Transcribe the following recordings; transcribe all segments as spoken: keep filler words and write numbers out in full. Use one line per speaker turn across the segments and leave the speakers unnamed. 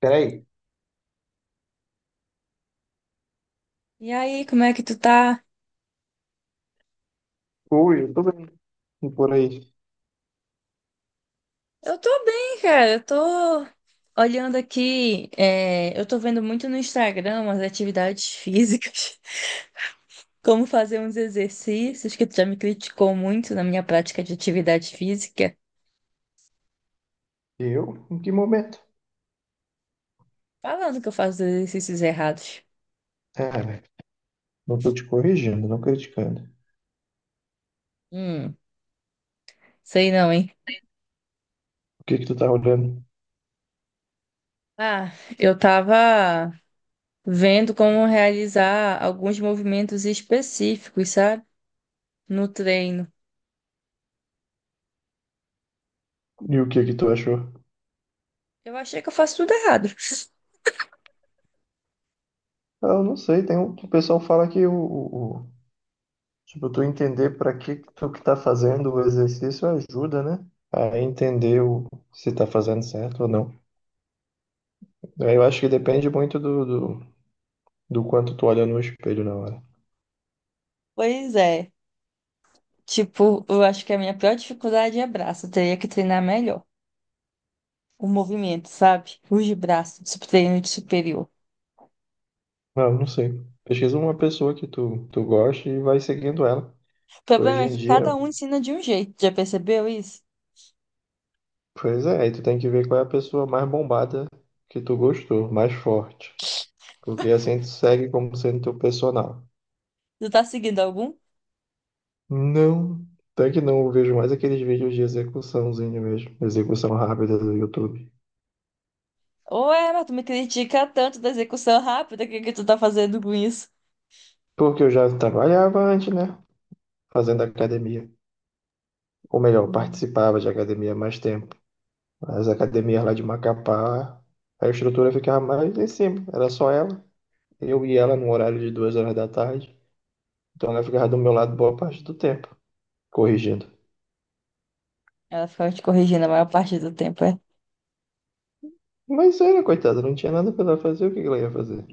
Peraí,
E aí, como é que tu tá?
o YouTube e por aí.
Eu tô bem, cara. Eu tô olhando aqui, é, eu tô vendo muito no Instagram umas atividades físicas, como fazer uns exercícios, que tu já me criticou muito na minha prática de atividade física,
Eu? Em que momento?
falando que eu faço exercícios errados.
Ah, velho, não tô te corrigindo, não criticando.
Hum, sei não, hein?
O que que tu tá olhando?
Ah, eu tava vendo como realizar alguns movimentos específicos, sabe? No treino.
E o que que tu achou?
Eu achei que eu faço tudo errado.
Ah, eu não sei, tem um, o pessoal fala que o, o- o- tipo, tu entender pra que que tu que tá fazendo o exercício ajuda, né? A entender o, se tá fazendo certo ou não. Aí eu acho que depende muito do, do, do quanto tu olha no espelho na hora.
Pois é. Tipo, eu acho que a minha pior dificuldade é braço. Eu teria que treinar melhor o movimento, sabe? Os de braço, de treino de superior.
Não, não sei. Pesquisa uma pessoa que tu, tu gosta e vai seguindo ela.
O problema
Hoje
é
em
que
dia,
cada um ensina de um jeito. Já percebeu isso?
pois é, aí tu tem que ver qual é a pessoa mais bombada que tu gostou, mais forte. Porque assim tu segue como sendo teu personal.
Tu tá seguindo algum?
Não, até que não, eu vejo mais aqueles vídeos de execuçãozinho mesmo, execução rápida do YouTube.
Ou é, mas tu me critica tanto da execução rápida, o que que tu tá fazendo com isso?
Porque eu já trabalhava antes, né? Fazendo academia. Ou melhor,
Hum.
participava de academia há mais tempo. As academias lá de Macapá, a estrutura ficava mais em cima, era só ela. Eu e ela no horário de duas horas da tarde. Então ela ficava do meu lado boa parte do tempo, corrigindo.
Ela ficava te corrigindo a maior parte do tempo. É.
Mas era, coitada, não tinha nada pra ela fazer, o que que ela ia fazer?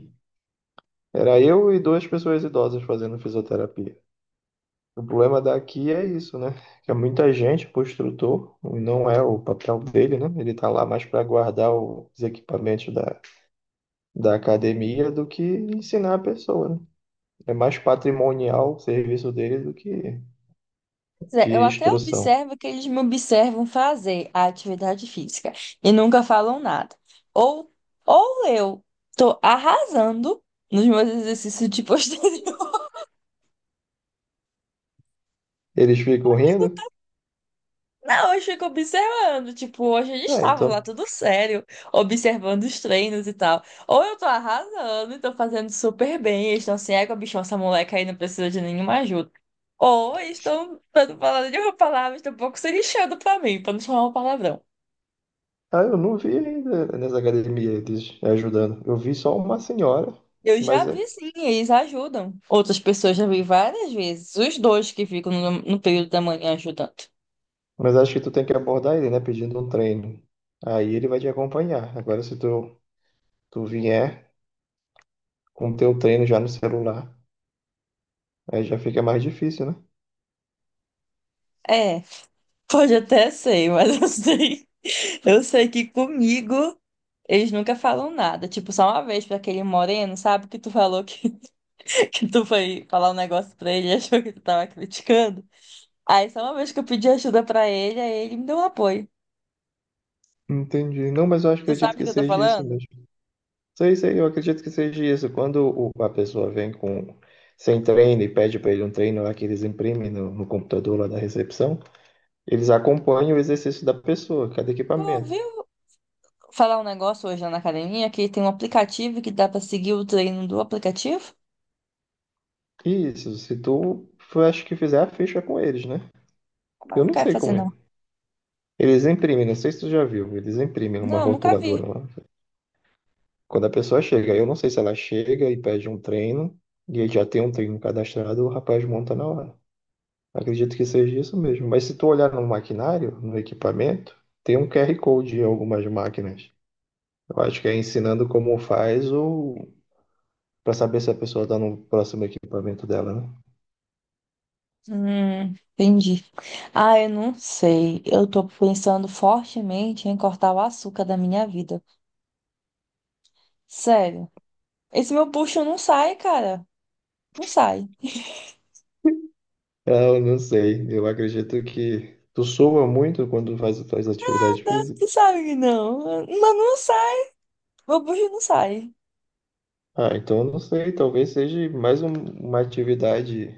Era eu e duas pessoas idosas fazendo fisioterapia. O problema daqui é isso, né? Que é muita gente pro instrutor, e não é o papel dele, né? Ele tá lá mais pra guardar os equipamentos da, da academia do que ensinar a pessoa, né? É mais patrimonial o serviço dele do que
Pois é, eu
de
até
instrução.
observo que eles me observam fazer a atividade física e nunca falam nada. Ou, ou eu tô arrasando nos meus exercícios de posterior.
Eles ficam rindo?
Não, eu fico observando. Tipo, hoje eles
Ah,
estavam lá
então.
tudo sério, observando os treinos e tal. Ou eu tô arrasando e tô fazendo super bem. Eles estão assim, é, bichão, essa moleca aí não precisa de nenhuma ajuda. Ou eles estão, pra não falar nenhuma palavra, estão um pouco se lixando pra mim, pra não chamar um palavrão.
Ah, eu não vi ainda nessa academia eles ajudando. Eu vi só uma senhora.
Eu já
Mas é-
vi sim, eles ajudam. Outras pessoas já vi várias vezes. Os dois que ficam no, no período da manhã ajudando.
Mas acho que tu tem que abordar ele, né? Pedindo um treino. Aí ele vai te acompanhar. Agora, se tu, tu vier com o teu treino já no celular, aí já fica mais difícil, né?
É, pode até ser, mas eu sei. Eu sei que comigo eles nunca falam nada. Tipo, só uma vez pra aquele moreno, sabe? Que tu falou que, que tu foi falar um negócio pra ele e achou que tu tava criticando. Aí só uma vez que eu pedi ajuda pra ele, aí ele me deu um apoio.
Entendi. Não, mas eu acho-
Tu sabe
acredito
o
que
que eu tô
seja isso
falando?
mesmo. Sei, sei, eu acredito que seja isso. Quando o- a pessoa vem com sem treino e pede para ele um treino lá que eles imprimem no, no computador lá da recepção, eles acompanham o exercício da pessoa, cada
Tu
equipamento.
ouviu falar um negócio hoje lá na academia que tem um aplicativo que dá pra seguir o treino do aplicativo?
Isso, se tu, eu acho que fizer a ficha com eles, né?
Mas
Eu
não
não
quero
sei
fazer,
como é.
não.
Eles imprimem, não sei se tu já viu, eles imprimem uma
Não, nunca vi.
rotuladora lá. Quando a pessoa chega, eu não sei se ela chega e pede um treino, e aí já tem um treino cadastrado, o rapaz monta na hora. Acredito que seja isso mesmo. Mas se tu olhar no maquinário, no equipamento, tem um Q R Code em algumas máquinas. Eu acho que é ensinando como faz ou para saber se a pessoa está no próximo equipamento dela, né?
Hum, entendi. Ah, eu não sei. Eu tô pensando fortemente em cortar o açúcar da minha vida. Sério. Esse meu bucho não sai, cara. Não sai.
É, eu não sei. Eu acredito que tu soa muito quando faz as tuas atividades físicas.
Não sai, não. Mas não sai. Meu bucho não sai.
Ah, então eu não sei, talvez seja mais um- uma atividade,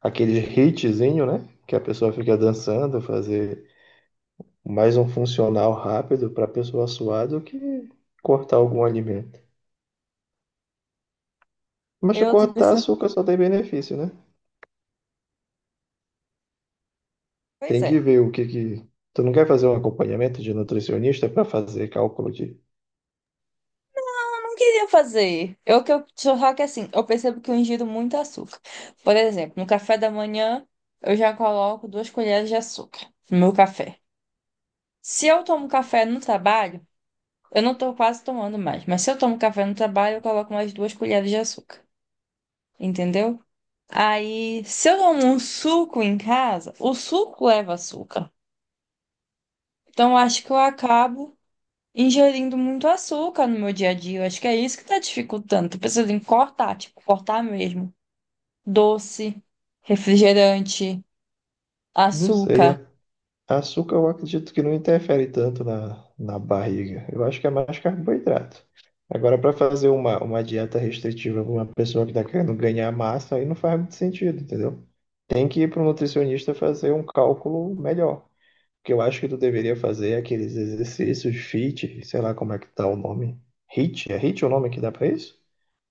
aquele hitzinho, né? Que a pessoa fica dançando, fazer mais um funcional rápido para a pessoa suar do que cortar algum alimento. Mas se
Eu tô
cortar
pensando.
açúcar só tem benefício, né?
Pois
Tem
é.
que ver o que que. Tu não quer fazer um acompanhamento de nutricionista para fazer cálculo de.
Não queria fazer. Eu que eu só que assim, eu percebo que eu ingiro muito açúcar. Por exemplo, no café da manhã, eu já coloco duas colheres de açúcar no meu café. Se eu tomo café no trabalho, eu não tô quase tomando mais, mas se eu tomo café no trabalho, eu coloco mais duas colheres de açúcar. Entendeu? Aí, se eu tomo um suco em casa, o suco leva açúcar. Então, eu acho que eu acabo ingerindo muito açúcar no meu dia a dia. Eu acho que é isso que tá dificultando. Tô pensando em cortar, tipo, cortar mesmo. Doce, refrigerante,
Não sei,
açúcar.
é. Açúcar eu acredito que não interfere tanto na, na barriga. Eu acho que é mais carboidrato. Agora, para fazer uma, uma dieta restritiva para uma pessoa que está querendo ganhar massa, aí não faz muito sentido, entendeu? Tem que ir para um nutricionista fazer um cálculo melhor. O que eu acho que tu deveria fazer é aqueles exercícios fit, sei lá como é que tá o nome. H I I T? É H I I T o nome que dá para isso?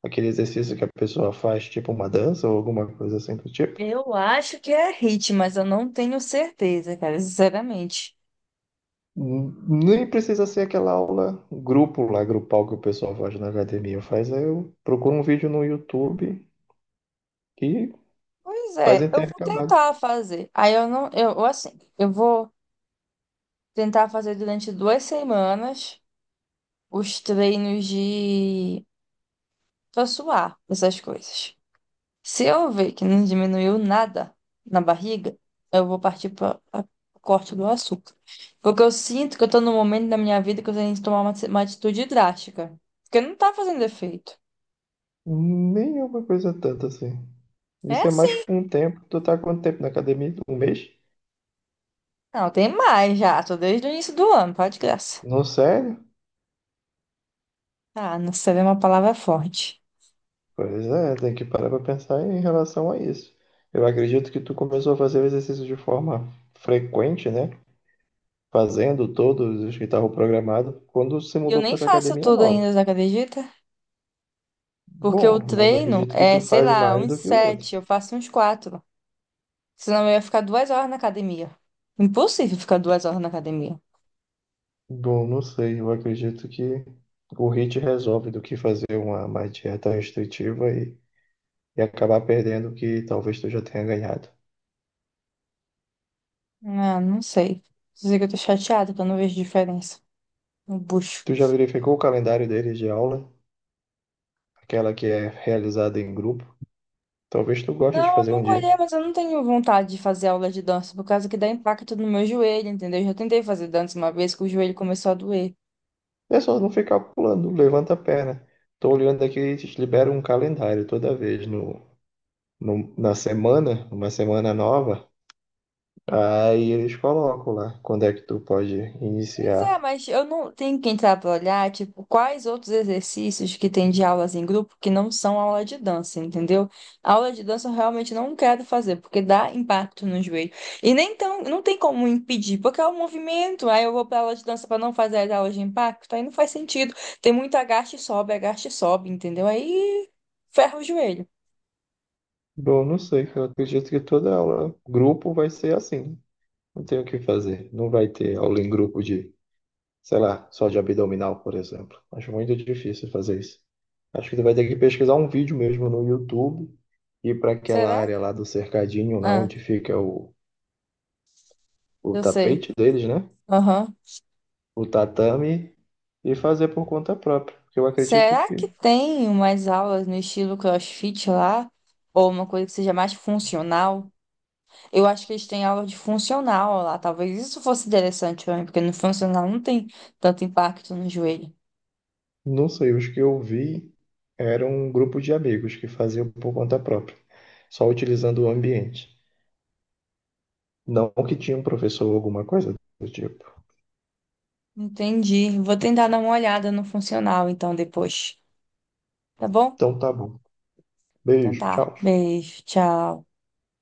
Aquele exercício que a pessoa faz tipo uma dança ou alguma coisa assim do tipo.
Eu acho que é hit, mas eu não tenho certeza, cara, sinceramente.
Nem precisa ser aquela aula grupo lá, grupal que o pessoal faz na academia. Faz aí, eu procuro um vídeo no YouTube e
Pois
faz
é, eu vou
intercalado.
tentar fazer. Aí eu não, eu eu, assim, eu vou tentar fazer durante duas semanas os treinos de pra suar, essas coisas. Se eu ver que não diminuiu nada na barriga, eu vou partir para o corte do açúcar. Porque eu sinto que eu tô num momento da minha vida que eu tenho que tomar uma, uma atitude drástica. Porque não tá fazendo efeito.
Nem é uma coisa tanto assim.
É
Isso é mais
assim.
com o tempo. Tu tá há quanto tempo na academia? Um mês?
Não, tem mais já. Tô desde o início do ano, pode de graça.
Não, sério?
Ah, não sei, é uma palavra forte.
Pois é, tem que parar pra pensar em relação a isso. Eu acredito que tu começou a fazer o exercício de forma frequente, né? Fazendo todos os que estavam programados quando se
E eu
mudou para
nem
essa
faço
academia
tudo
nova.
ainda, você acredita? Porque o
Bom, mas eu
treino
acredito que
é,
tu
sei
faz
lá,
mais
uns
do que o outro.
sete, eu faço uns quatro. Senão eu ia ficar duas horas na academia. Impossível ficar duas horas na academia.
Bom, não sei, eu acredito que o hit resolve do que fazer uma, uma dieta restritiva e, e acabar perdendo o que talvez tu já tenha ganhado.
Ah, não sei. Dizer que eu tô chateada, que eu não vejo diferença no bucho.
Tu já verificou o calendário deles de aula? Aquela que é realizada em grupo? Talvez tu goste de
Não, eu
fazer um
nunca
dia.
olhei, mas eu não tenho vontade de fazer aula de dança, por causa que dá impacto no meu joelho, entendeu? Eu já tentei fazer dança uma vez que o joelho começou a doer.
É só não ficar pulando, levanta a perna. Tô olhando aqui, eles liberam um calendário toda vez no, no- na semana, uma semana nova, aí eles colocam lá quando é que tu pode
Pois é,
iniciar.
mas eu não tenho que entrar para olhar, tipo, quais outros exercícios que tem de aulas em grupo que não são aula de dança, entendeu? Aula de dança eu realmente não quero fazer, porque dá impacto no joelho. E nem tão, não tem como impedir, porque é o movimento. Aí eu vou para aula de dança para não fazer as aulas de impacto, aí não faz sentido. Tem muito agaste e sobe, agaste e sobe, entendeu? Aí ferra o joelho.
Bom, não sei, cara. Eu acredito que toda aula, grupo vai ser assim. Não tem o que fazer. Não vai ter aula em grupo de, sei lá, só de abdominal, por exemplo. Acho muito difícil fazer isso. Acho que tu vai ter que pesquisar um vídeo mesmo no YouTube, ir para aquela
Será?
área lá do cercadinho, lá
Ah,
onde fica o, o
eu sei.
tapete deles, né?
Aham.
O tatame, e fazer por conta própria. Porque eu acredito
Será que
que
tem umas aulas no estilo CrossFit lá? Ou uma coisa que seja mais funcional? Eu acho que eles têm aula de funcional lá. Talvez isso fosse interessante pra mim, porque no funcional não tem tanto impacto no joelho.
não sei, os que eu vi eram um grupo de amigos que faziam por conta própria, só utilizando o ambiente. Não que tinha um professor ou alguma coisa do tipo.
Entendi. Vou tentar dar uma olhada no funcional então depois. Tá bom?
Então tá bom.
Então
Beijo,
tá.
tchau.
Beijo, tchau.